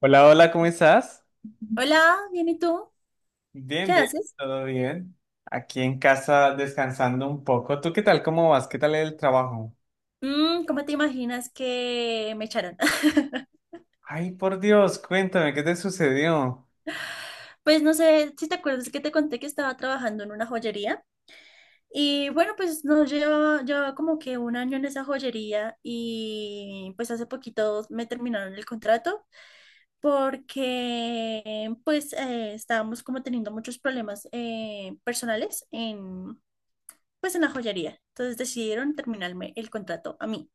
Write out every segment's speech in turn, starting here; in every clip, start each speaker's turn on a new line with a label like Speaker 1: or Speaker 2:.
Speaker 1: Hola, hola, ¿cómo estás?
Speaker 2: Hola, bien, ¿y tú? ¿Qué
Speaker 1: Bien, bien,
Speaker 2: haces?
Speaker 1: todo bien. Aquí en casa descansando un poco. ¿Tú qué tal? ¿Cómo vas? ¿Qué tal el trabajo?
Speaker 2: ¿Cómo te imaginas que me echaron?
Speaker 1: Ay, por Dios, cuéntame, ¿qué te sucedió?
Speaker 2: Pues no sé si te acuerdas que te conté que estaba trabajando en una joyería. Y bueno, pues no llevaba, llevaba como que un año en esa joyería y pues hace poquito me terminaron el contrato porque pues estábamos como teniendo muchos problemas personales en pues en la joyería. Entonces decidieron terminarme el contrato a mí.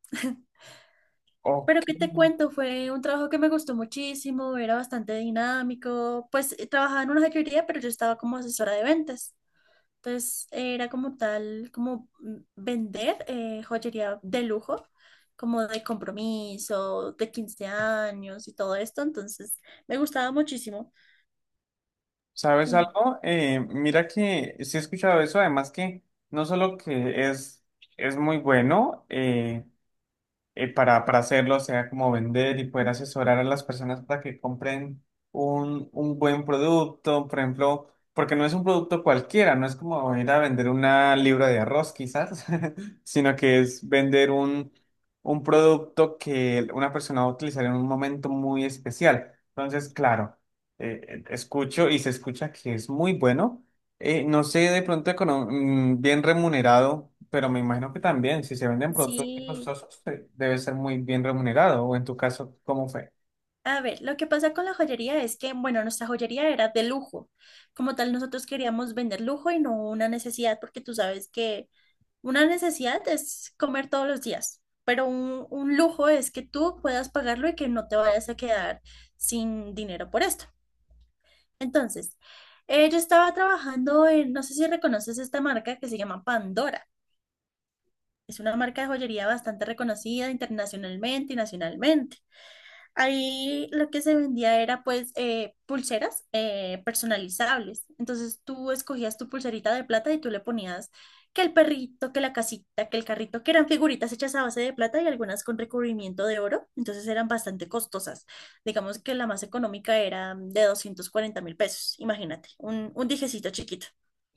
Speaker 1: Ok,
Speaker 2: Pero qué te cuento, fue un trabajo que me gustó muchísimo, era bastante dinámico, pues trabajaba en una joyería, pero yo estaba como asesora de ventas. Entonces era como tal, como vender joyería de lujo, como de compromiso, de 15 años y todo esto. Entonces me gustaba muchísimo.
Speaker 1: ¿sabes
Speaker 2: Sí,
Speaker 1: algo? Mira que sí he escuchado eso, además que no solo que es muy bueno, para hacerlo, o sea, como vender y poder asesorar a las personas para que compren un buen producto, por ejemplo, porque no es un producto cualquiera, no es como ir a vender una libra de arroz quizás, sino que es vender un producto que una persona va a utilizar en un momento muy especial. Entonces, claro, escucho y se escucha que es muy bueno. No sé de pronto bien remunerado, pero me imagino que también, si se venden productos muy
Speaker 2: sí,
Speaker 1: costosos, debe ser muy bien remunerado, o en tu caso, ¿cómo fue?
Speaker 2: a ver, lo que pasa con la joyería es que, bueno, nuestra joyería era de lujo. Como tal, nosotros queríamos vender lujo y no una necesidad, porque tú sabes que una necesidad es comer todos los días, pero un lujo es que tú puedas pagarlo y que no te vayas a quedar sin dinero por esto. Entonces, yo estaba trabajando en, no sé si reconoces esta marca que se llama Pandora. Es una marca de joyería bastante reconocida internacionalmente y nacionalmente. Ahí lo que se vendía era pues pulseras personalizables. Entonces tú escogías tu pulserita de plata y tú le ponías que el perrito, que la casita, que el carrito, que eran figuritas hechas a base de plata y algunas con recubrimiento de oro. Entonces eran bastante costosas. Digamos que la más económica era de 240.000 pesos. Imagínate, un dijecito chiquito.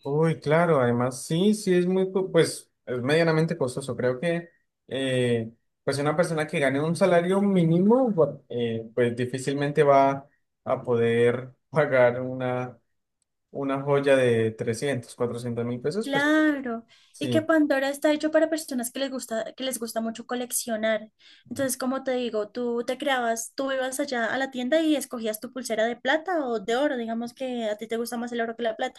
Speaker 1: Uy, claro, además sí, sí es pues es medianamente costoso. Creo que, eh, pues una persona que gane un salario mínimo, pues difícilmente va a poder pagar una joya de 300.000 400.000 pesos, pues
Speaker 2: Claro, y que
Speaker 1: sí.
Speaker 2: Pandora está hecho para personas que les gusta mucho coleccionar. Entonces, como te digo, tú te creabas, tú ibas allá a la tienda y escogías tu pulsera de plata o de oro, digamos que a ti te gusta más el oro que la plata.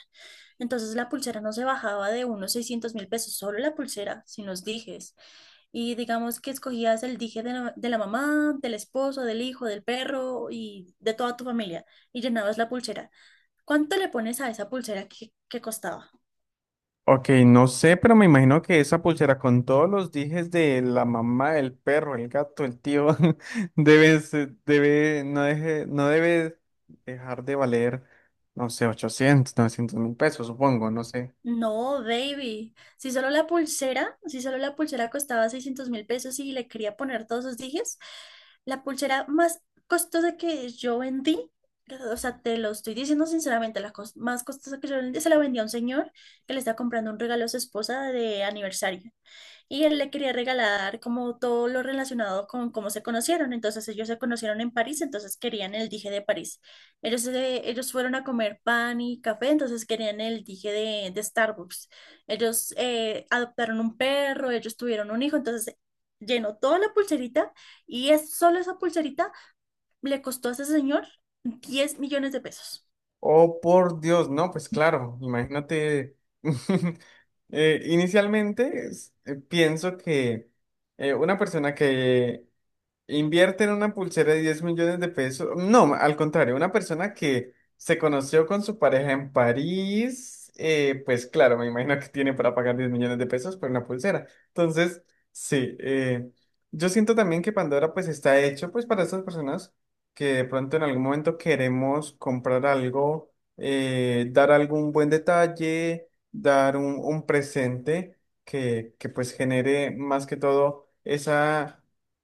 Speaker 2: Entonces, la pulsera no se bajaba de unos 600.000 pesos, solo la pulsera, sin los dijes. Y digamos que escogías el dije de la mamá, del esposo, del hijo, del perro y de toda tu familia y llenabas la pulsera. ¿Cuánto le pones a esa pulsera que costaba?
Speaker 1: Ok, no sé, pero me imagino que esa pulsera con todos los dijes de la mamá, el perro, el gato, el tío, no deje, no debe dejar de valer, no sé, 800.000 900.000 pesos, supongo, no sé.
Speaker 2: No, baby. Si solo la pulsera, si solo la pulsera costaba 600 mil pesos y le quería poner todos los dijes, la pulsera más costosa que yo vendí, o sea, te lo estoy diciendo sinceramente, la más costosa que yo vendí, se la vendí a un señor que le está comprando un regalo a su esposa de aniversario. Y él le quería regalar como todo lo relacionado con cómo se conocieron. Entonces ellos se conocieron en París, entonces querían el dije de París. Ellos fueron a comer pan y café, entonces querían el dije de Starbucks. Ellos adoptaron un perro, ellos tuvieron un hijo, entonces llenó toda la pulserita y es, solo esa pulserita le costó a ese señor 10 millones de pesos.
Speaker 1: Oh, por Dios, no, pues claro, imagínate. Inicialmente pienso que una persona que invierte en una pulsera de 10 millones de pesos. No, al contrario, una persona que se conoció con su pareja en París, pues claro, me imagino que tiene para pagar 10 millones de pesos por una pulsera. Entonces, sí, yo siento también que Pandora pues está hecho pues para estas personas que de pronto en algún momento queremos comprar algo, dar algún buen detalle, dar un presente que pues genere más que todo esa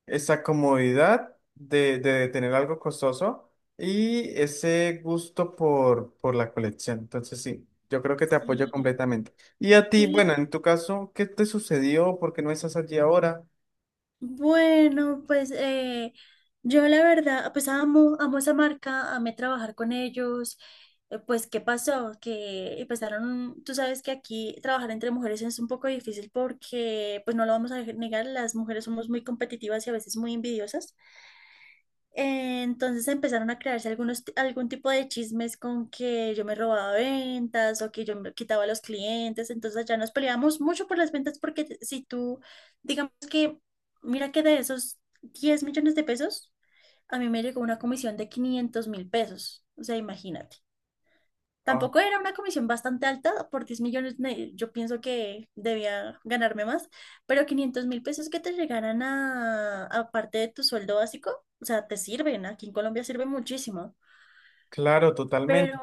Speaker 1: esa comodidad de tener algo costoso y ese gusto por la colección. Entonces, sí, yo creo que te apoyo
Speaker 2: Sí.
Speaker 1: completamente. Y a ti,
Speaker 2: Y
Speaker 1: bueno, en tu caso, ¿qué te sucedió? ¿Por qué no estás allí ahora?
Speaker 2: bueno, pues yo la verdad, pues amo, amo esa marca, amé trabajar con ellos. Pues, ¿qué pasó? Que empezaron, tú sabes que aquí trabajar entre mujeres es un poco difícil porque, pues no lo vamos a negar, las mujeres somos muy competitivas y a veces muy envidiosas. Entonces empezaron a crearse algún tipo de chismes con que yo me robaba ventas o que yo me quitaba a los clientes. Entonces ya nos peleábamos mucho por las ventas porque si tú, digamos que, mira que de esos 10 millones de pesos, a mí me llegó una comisión de 500.000 pesos. O sea, imagínate.
Speaker 1: Ah,
Speaker 2: Tampoco era una comisión bastante alta, por 10 millones yo pienso que debía ganarme más, pero 500.000 pesos que te llegaran a parte de tu sueldo básico, o sea, te sirven, aquí en Colombia sirve muchísimo.
Speaker 1: claro, totalmente.
Speaker 2: Pero,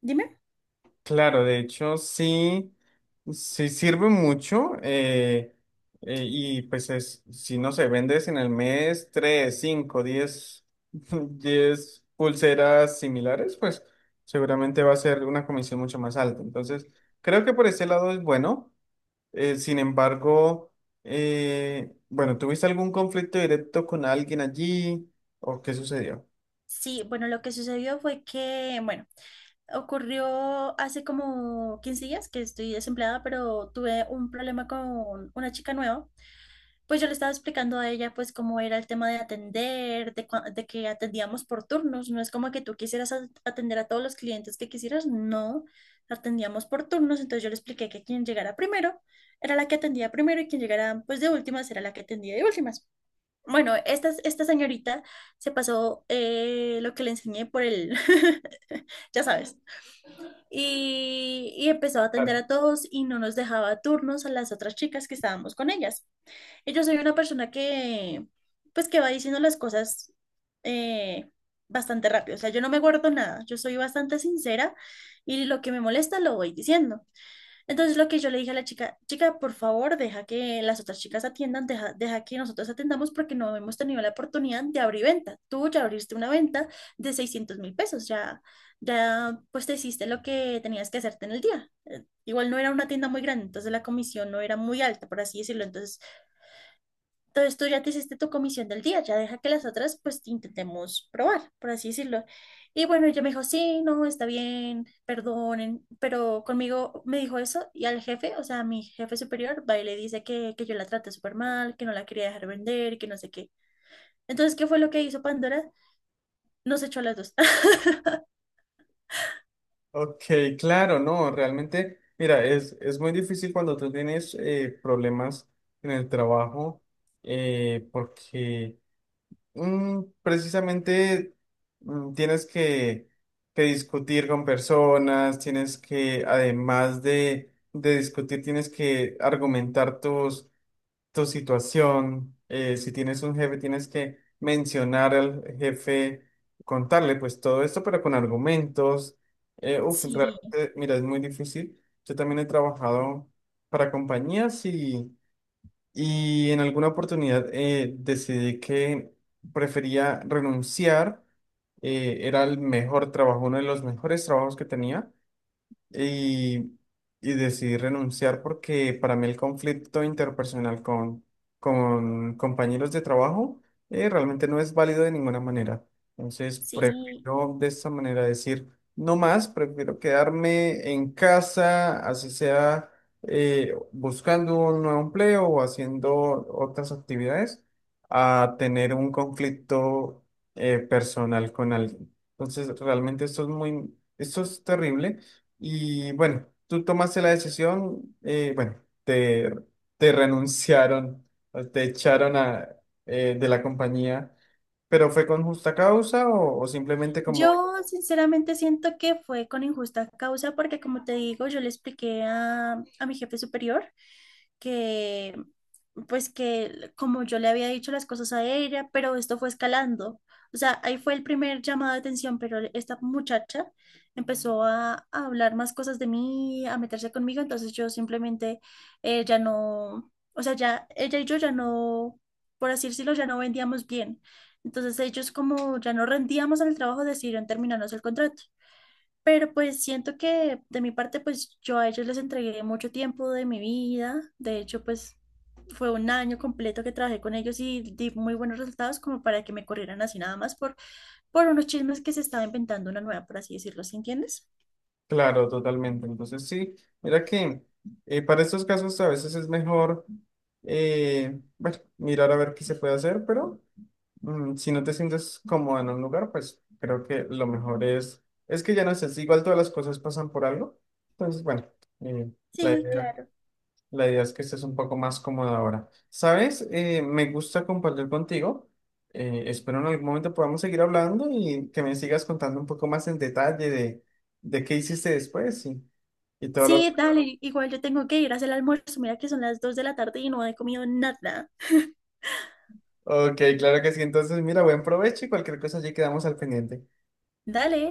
Speaker 2: dime.
Speaker 1: Claro, de hecho sí, sí sirve mucho y pues es, si no se vendes en el mes 3, 5, 10, 10 pulseras similares, pues seguramente va a ser una comisión mucho más alta. Entonces, creo que por ese lado es bueno. Sin embargo, bueno, ¿tuviste algún conflicto directo con alguien allí o qué sucedió?
Speaker 2: Sí, bueno, lo que sucedió fue que, bueno, ocurrió hace como 15 días que estoy desempleada, pero tuve un problema con una chica nueva. Pues yo le estaba explicando a ella pues cómo era el tema de atender, de que atendíamos por turnos, no es como que tú quisieras atender a todos los clientes que quisieras, no, atendíamos por turnos, entonces yo le expliqué que quien llegara primero era la que atendía primero y quien llegara pues de últimas era la que atendía de últimas. Bueno, esta señorita se pasó lo que le enseñé por el, ya sabes, y empezó a atender a todos y no nos dejaba turnos a las otras chicas que estábamos con ellas. Y yo soy una persona que, pues, que va diciendo las cosas eh, bastante rápido. O sea, yo no me guardo nada. Yo soy bastante sincera y lo que me molesta lo voy diciendo. Entonces, lo que yo le dije a la chica, chica, por favor, deja que las otras chicas atiendan, deja que nosotros atendamos porque no hemos tenido la oportunidad de abrir venta. Tú ya abriste una venta de 600.000 pesos, ya, ya, pues, te hiciste lo que tenías que hacerte en el día. Igual no era una tienda muy grande, entonces la comisión no era muy alta, por así decirlo. Entonces, tú ya te hiciste tu comisión del día, ya deja que las otras pues intentemos probar, por así decirlo. Y bueno, ella me dijo, sí, no, está bien, perdonen, pero conmigo me dijo eso y al jefe, o sea, a mi jefe superior, va y le dice que yo la traté súper mal, que no la quería dejar vender, que no sé qué. Entonces, ¿qué fue lo que hizo Pandora? Nos echó a las dos.
Speaker 1: Ok, claro, no, realmente, mira, es muy difícil cuando tú tienes problemas en el trabajo, porque precisamente tienes que discutir con personas, tienes que, además de discutir, tienes que argumentar tu situación, si tienes un jefe, tienes que mencionar al jefe, contarle pues todo esto, pero con argumentos. Uf,
Speaker 2: Sí,
Speaker 1: realmente, mira, es muy difícil. Yo también he trabajado para compañías y en alguna oportunidad decidí que prefería renunciar. Era el mejor trabajo, uno de los mejores trabajos que tenía y, y decidí renunciar porque para mí el conflicto interpersonal con compañeros de trabajo realmente no es válido de ninguna manera. Entonces,
Speaker 2: sí.
Speaker 1: prefiero de esta manera decir, no más, prefiero quedarme en casa, así sea buscando un nuevo empleo o haciendo otras actividades, a tener un conflicto personal con alguien. Entonces, realmente esto es terrible. Y bueno, tú tomaste la decisión, bueno, te, te renunciaron, o te echaron de la compañía, pero ¿fue con justa causa o simplemente como,
Speaker 2: Yo sinceramente siento que fue con injusta causa porque como te digo, yo le expliqué a mi jefe superior, que pues que como yo le había dicho las cosas a ella, pero esto fue escalando. O sea, ahí fue el primer llamado de atención, pero esta muchacha empezó a hablar más cosas de mí, a meterse conmigo, entonces yo simplemente ya no, o sea, ya ella y yo ya no, por así decirlo, ya no vendíamos bien. Entonces ellos como ya no rendíamos en el trabajo, decidieron terminarnos el contrato. Pero pues siento que de mi parte, pues yo a ellos les entregué mucho tiempo de mi vida. De hecho, pues fue un año completo que trabajé con ellos y di muy buenos resultados como para que me corrieran así nada más por unos chismes que se estaba inventando una nueva, por así decirlo, ¿sí entiendes?
Speaker 1: claro, totalmente? Entonces sí, mira que para estos casos a veces es mejor, bueno, mirar a ver qué se puede hacer, pero... Si no te sientes cómodo en un lugar, pues creo que lo mejor es que ya no sé, si igual todas las cosas pasan por algo. Entonces, bueno, eh, la
Speaker 2: Sí,
Speaker 1: idea,
Speaker 2: claro.
Speaker 1: la idea es que estés un poco más cómodo ahora. ¿Sabes? Me gusta compartir contigo. Espero en algún momento podamos seguir hablando y que me sigas contando un poco más en detalle de qué hiciste después y todo lo...
Speaker 2: Sí, dale, igual yo tengo que ir a hacer el almuerzo. Mira que son las 2 de la tarde y no he comido nada.
Speaker 1: Ok, claro que sí. Entonces, mira, buen provecho y cualquier cosa allí quedamos al pendiente.
Speaker 2: Dale.